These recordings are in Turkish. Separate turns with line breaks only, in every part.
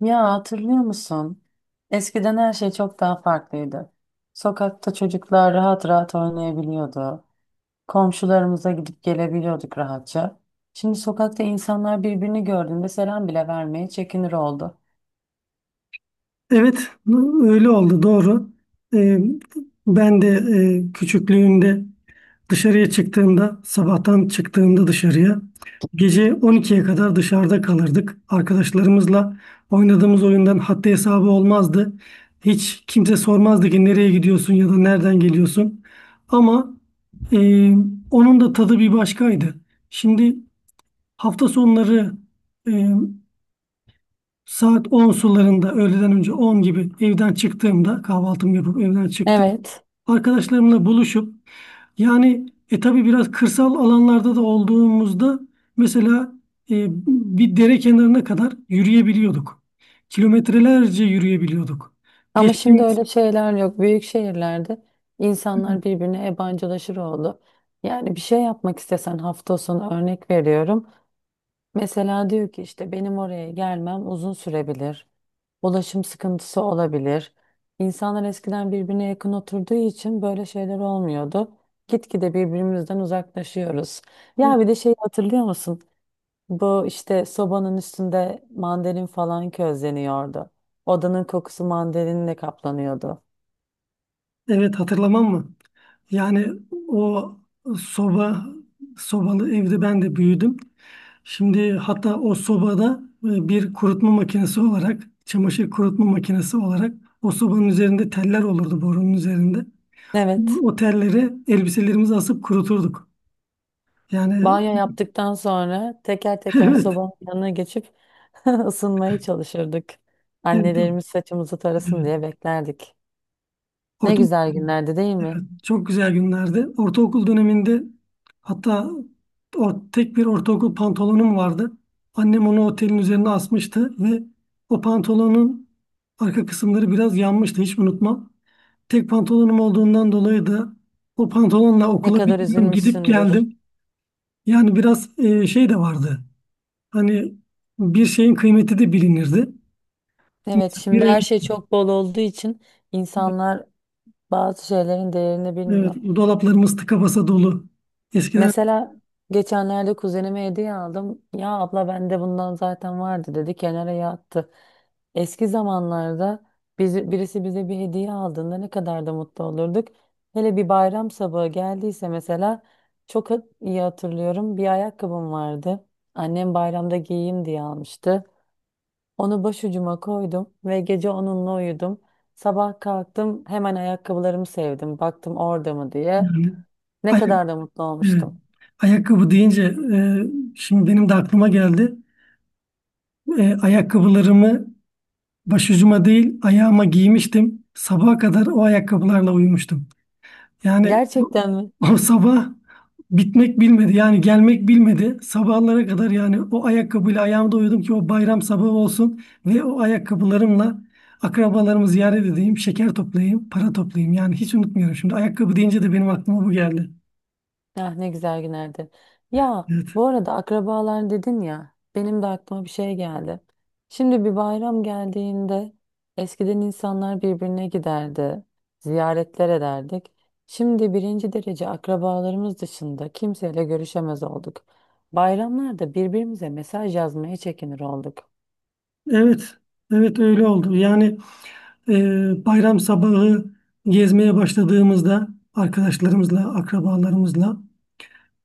Ya hatırlıyor musun? Eskiden her şey çok daha farklıydı. Sokakta çocuklar rahat rahat oynayabiliyordu. Komşularımıza gidip gelebiliyorduk rahatça. Şimdi sokakta insanlar birbirini gördüğünde selam bile vermeye çekinir oldu.
Evet, öyle oldu doğru. Ee, ben de küçüklüğümde dışarıya çıktığımda, sabahtan çıktığımda dışarıya, gece 12'ye kadar dışarıda kalırdık. Arkadaşlarımızla oynadığımız oyundan haddi hesabı olmazdı. Hiç kimse sormazdı ki nereye gidiyorsun ya da nereden geliyorsun. Ama e, onun da tadı bir başkaydı. Şimdi hafta sonları e, saat 10 sularında öğleden önce 10 gibi evden çıktığımda kahvaltımı yapıp evden çıktım.
Evet,
Arkadaşlarımla buluşup yani tabii biraz kırsal alanlarda da olduğumuzda mesela e, bir dere kenarına kadar yürüyebiliyorduk. Kilometrelerce yürüyebiliyorduk.
ama şimdi
Geçtiğimiz
öyle şeyler yok. Büyük şehirlerde insanlar birbirine yabancılaşır oldu. Yani bir şey yapmak istesen hafta sonu örnek veriyorum. Mesela diyor ki işte benim oraya gelmem uzun sürebilir. Ulaşım sıkıntısı olabilir. İnsanlar eskiden birbirine yakın oturduğu için böyle şeyler olmuyordu. Gitgide birbirimizden uzaklaşıyoruz. Ya bir de şeyi hatırlıyor musun? Bu işte sobanın üstünde mandalin falan közleniyordu. Odanın kokusu mandalinle kaplanıyordu.
evet, hatırlamam mı? Yani o soba sobalı evde ben de büyüdüm. Şimdi hatta o sobada bir kurutma makinesi olarak, çamaşır kurutma makinesi olarak o sobanın üzerinde teller olurdu borunun üzerinde.
Evet.
O telleri elbiselerimizi asıp kuruturduk. Yani
Banyo yaptıktan sonra teker teker
evet,
sobanın yanına geçip ısınmaya çalışırdık.
evet,
Annelerimiz saçımızı tarasın
evet.
diye beklerdik. Ne
Orta
güzel günlerdi değil mi?
Çok güzel günlerdi. Ortaokul döneminde hatta o tek bir ortaokul pantolonum vardı. Annem onu otelin üzerine asmıştı ve o pantolonun arka kısımları biraz yanmıştı, hiç unutmam. Tek pantolonum olduğundan dolayı da o pantolonla
Ne
okula bir
kadar
dönem gidip
üzülmüşsündür.
geldim. Yani biraz şey de vardı. Hani bir şeyin kıymeti de bilinirdi.
Evet,
Mesela bir
şimdi her şey
elbise,
çok bol olduğu için insanlar bazı şeylerin değerini
evet,
bilmiyor.
dolaplarımız tıka basa dolu. Eskiden
Mesela geçenlerde kuzenime hediye aldım. Ya abla bende bundan zaten vardı dedi kenara yattı. Eski zamanlarda biz, birisi bize bir hediye aldığında ne kadar da mutlu olurduk. Hele bir bayram sabahı geldiyse mesela iyi hatırlıyorum. Bir ayakkabım vardı. Annem bayramda giyeyim diye almıştı. Onu başucuma koydum ve gece onunla uyudum. Sabah kalktım hemen ayakkabılarımı sevdim. Baktım orada mı diye.
yani.
Ne kadar da mutlu
Evet.
olmuştum.
Ayakkabı deyince e, şimdi benim de aklıma geldi. Ayakkabılarımı başucuma değil ayağıma giymiştim. Sabaha kadar o ayakkabılarla uyumuştum. Yani o,
Gerçekten mi?
o sabah bitmek bilmedi. Yani gelmek bilmedi. Sabahlara kadar yani o ayakkabıyla ayağımda uyudum ki o bayram sabahı olsun ve o ayakkabılarımla akrabalarımı ziyaret edeyim, şeker toplayayım, para toplayayım. Yani hiç unutmuyorum. Şimdi ayakkabı deyince de benim aklıma bu geldi.
Ah ne güzel günlerdi. Ya
Evet.
bu arada akrabalar dedin ya benim de aklıma bir şey geldi. Şimdi bir bayram geldiğinde eskiden insanlar birbirine giderdi, ziyaretler ederdik. Şimdi birinci derece akrabalarımız dışında kimseyle görüşemez olduk. Bayramlarda birbirimize mesaj yazmaya çekinir olduk.
Evet. Evet öyle oldu. Yani bayram sabahı gezmeye başladığımızda arkadaşlarımızla, akrabalarımızla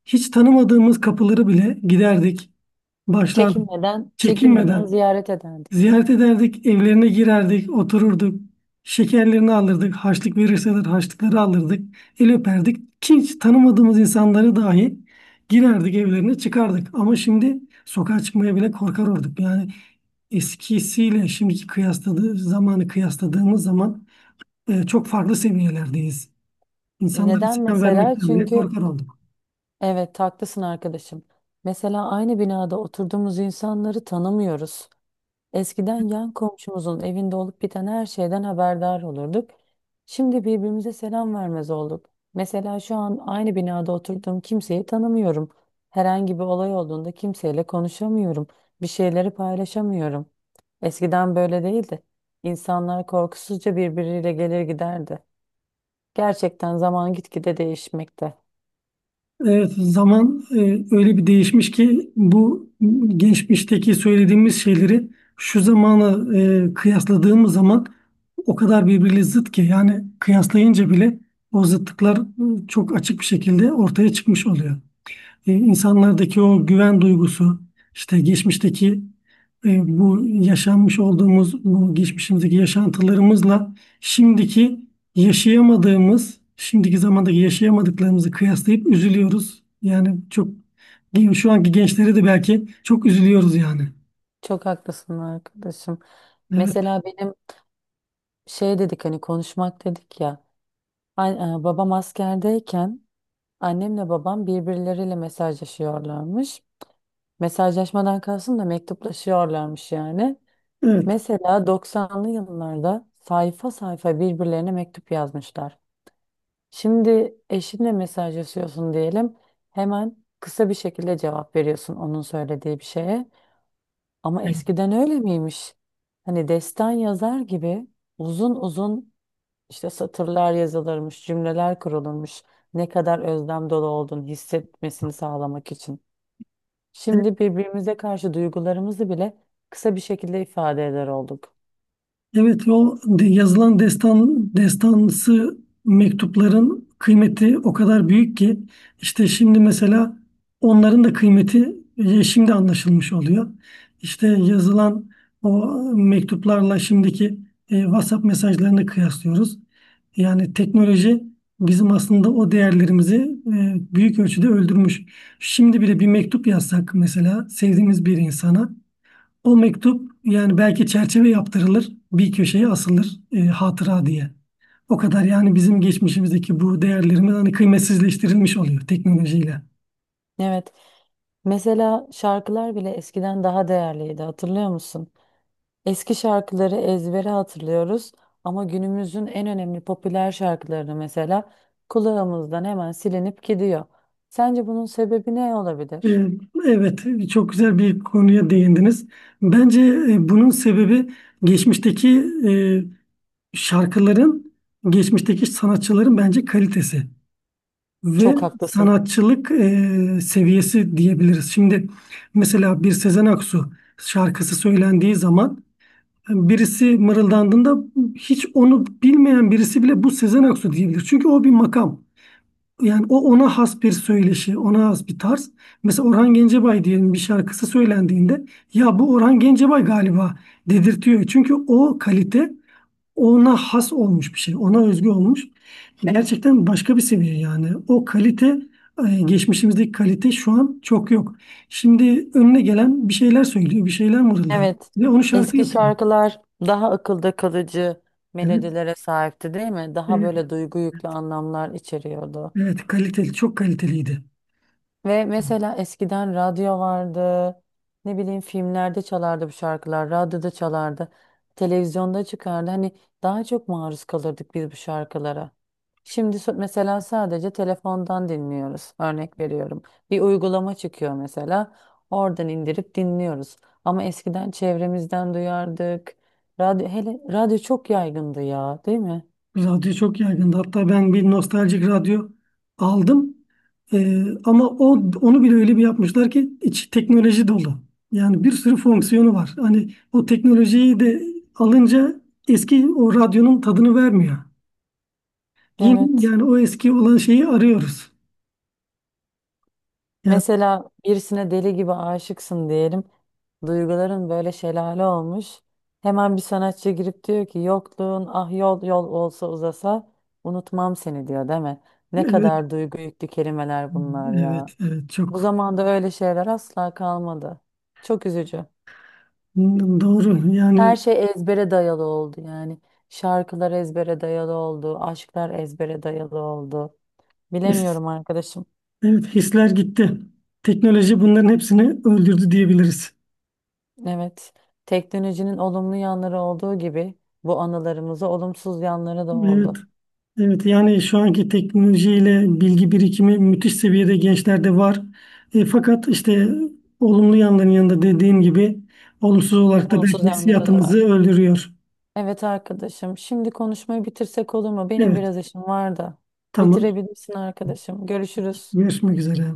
hiç tanımadığımız kapıları bile giderdik, başlardık.
Çekinmeden, çekinmeden
Çekinmeden
ziyaret ederdik.
ziyaret ederdik, evlerine girerdik, otururduk. Şekerlerini alırdık, harçlık verirseler harçlıkları alırdık, el öperdik. Hiç tanımadığımız insanları dahi girerdik evlerine çıkardık. Ama şimdi sokağa çıkmaya bile korkar olduk. Yani eskisiyle şimdiki kıyasladığı zamanı kıyasladığımız zaman çok farklı seviyelerdeyiz. İnsanlara
Neden
selam
mesela?
vermekten bile
Çünkü
korkar olduk.
evet, haklısın arkadaşım. Mesela aynı binada oturduğumuz insanları tanımıyoruz. Eskiden yan komşumuzun evinde olup biten her şeyden haberdar olurduk. Şimdi birbirimize selam vermez olduk. Mesela şu an aynı binada oturduğum kimseyi tanımıyorum. Herhangi bir olay olduğunda kimseyle konuşamıyorum. Bir şeyleri paylaşamıyorum. Eskiden böyle değildi. İnsanlar korkusuzca birbiriyle gelir giderdi. Gerçekten zaman gitgide değişmekte.
Evet, zaman öyle bir değişmiş ki bu geçmişteki söylediğimiz şeyleri şu zamanı kıyasladığımız zaman o kadar birbiriyle zıt ki yani kıyaslayınca bile o zıtlıklar çok açık bir şekilde ortaya çıkmış oluyor. İnsanlardaki o güven duygusu, işte geçmişteki bu yaşanmış olduğumuz bu geçmişimizdeki yaşantılarımızla şimdiki yaşayamadığımız, şimdiki zamandaki yaşayamadıklarımızı kıyaslayıp üzülüyoruz. Yani çok şu anki gençlere de belki çok üzülüyoruz yani.
Çok haklısın arkadaşım.
Evet.
Mesela benim şey dedik hani konuşmak dedik ya. Babam askerdeyken annemle babam birbirleriyle mesajlaşıyorlarmış. Mesajlaşmadan kalsın da mektuplaşıyorlarmış yani. Mesela 90'lı yıllarda sayfa sayfa birbirlerine mektup yazmışlar. Şimdi eşinle mesajlaşıyorsun diyelim. Hemen kısa bir şekilde cevap veriyorsun onun söylediği bir şeye. Ama
Evet.
eskiden öyle miymiş? Hani destan yazar gibi uzun uzun işte satırlar yazılırmış, cümleler kurulurmuş. Ne kadar özlem dolu olduğunu hissetmesini sağlamak için. Şimdi birbirimize karşı duygularımızı bile kısa bir şekilde ifade eder olduk.
Evet, yazılan destan destansı mektupların kıymeti o kadar büyük ki işte şimdi mesela onların da kıymeti şimdi anlaşılmış oluyor. İşte yazılan o mektuplarla şimdiki WhatsApp mesajlarını kıyaslıyoruz. Yani teknoloji bizim aslında o değerlerimizi büyük ölçüde öldürmüş. Şimdi bile bir mektup yazsak mesela sevdiğimiz bir insana o mektup yani belki çerçeve yaptırılır, bir köşeye asılır hatıra diye. O kadar yani bizim geçmişimizdeki bu değerlerimiz hani kıymetsizleştirilmiş oluyor teknolojiyle.
Evet. Mesela şarkılar bile eskiden daha değerliydi, hatırlıyor musun? Eski şarkıları ezbere hatırlıyoruz ama günümüzün en önemli popüler şarkılarını mesela kulağımızdan hemen silinip gidiyor. Sence bunun sebebi ne
E,
olabilir?
evet, çok güzel bir konuya değindiniz. Bence bunun sebebi geçmişteki e, şarkıların, geçmişteki sanatçıların bence kalitesi ve
Çok haklısın.
sanatçılık seviyesi diyebiliriz. Şimdi mesela bir Sezen Aksu şarkısı söylendiği zaman birisi mırıldandığında hiç onu bilmeyen birisi bile bu Sezen Aksu diyebilir. Çünkü o bir makam. Yani o ona has bir söyleşi, ona has bir tarz. Mesela Orhan Gencebay diyelim bir şarkısı söylendiğinde ya bu Orhan Gencebay galiba dedirtiyor. Çünkü o kalite ona has olmuş bir şey, ona özgü olmuş. Gerçekten başka bir seviye yani. O kalite geçmişimizdeki kalite şu an çok yok. Şimdi önüne gelen bir şeyler söylüyor, bir şeyler mırıldan
Evet,
ve onu şarkı
eski
yapıyor.
şarkılar daha akılda kalıcı
Evet.
melodilere sahipti, değil mi? Daha
Evet.
böyle duygu yüklü anlamlar içeriyordu.
Evet kaliteli, çok kaliteliydi.
Ve mesela eskiden radyo vardı. Ne bileyim filmlerde çalardı bu şarkılar. Radyoda çalardı. Televizyonda çıkardı. Hani daha çok maruz kalırdık biz bu şarkılara. Şimdi mesela sadece telefondan dinliyoruz. Örnek veriyorum. Bir uygulama çıkıyor mesela. Oradan indirip dinliyoruz. Ama eskiden çevremizden duyardık. Radyo, hele radyo çok yaygındı ya, değil mi?
Radyo çok yaygındı. Hatta ben bir nostaljik radyo aldım. Ama o onu bile öyle bir yapmışlar ki içi teknoloji dolu. Yani bir sürü fonksiyonu var. Hani o teknolojiyi de alınca eski o radyonun tadını vermiyor. Yeni
Evet.
yani o eski olan şeyi arıyoruz. Yani
Mesela birisine deli gibi aşıksın diyelim. Duyguların böyle şelale olmuş. Hemen bir sanatçı girip diyor ki yokluğun ah yol yol olsa uzasa unutmam seni diyor değil mi? Ne
evet,
kadar duygu yüklü kelimeler bunlar ya.
evet,
Bu
çok
zamanda öyle şeyler asla kalmadı. Çok üzücü.
doğru. Yani
Her şey ezbere dayalı oldu yani. Şarkılar ezbere dayalı oldu, aşklar ezbere dayalı oldu.
his,
Bilemiyorum arkadaşım.
evet hisler gitti. Teknoloji bunların hepsini öldürdü diyebiliriz.
Evet, teknolojinin olumlu yanları olduğu gibi bu anılarımıza olumsuz yanları da
Evet.
oldu.
Evet yani şu anki teknolojiyle bilgi birikimi müthiş seviyede gençlerde var. Fakat işte olumlu yanların yanında dediğim gibi olumsuz olarak da
Olumsuz
belki
yanları da
hissiyatımızı
var.
öldürüyor.
Evet arkadaşım, şimdi konuşmayı bitirsek olur mu? Benim
Evet.
biraz işim var da.
Tamam.
Bitirebilirsin arkadaşım. Görüşürüz.
Görüşmek üzere.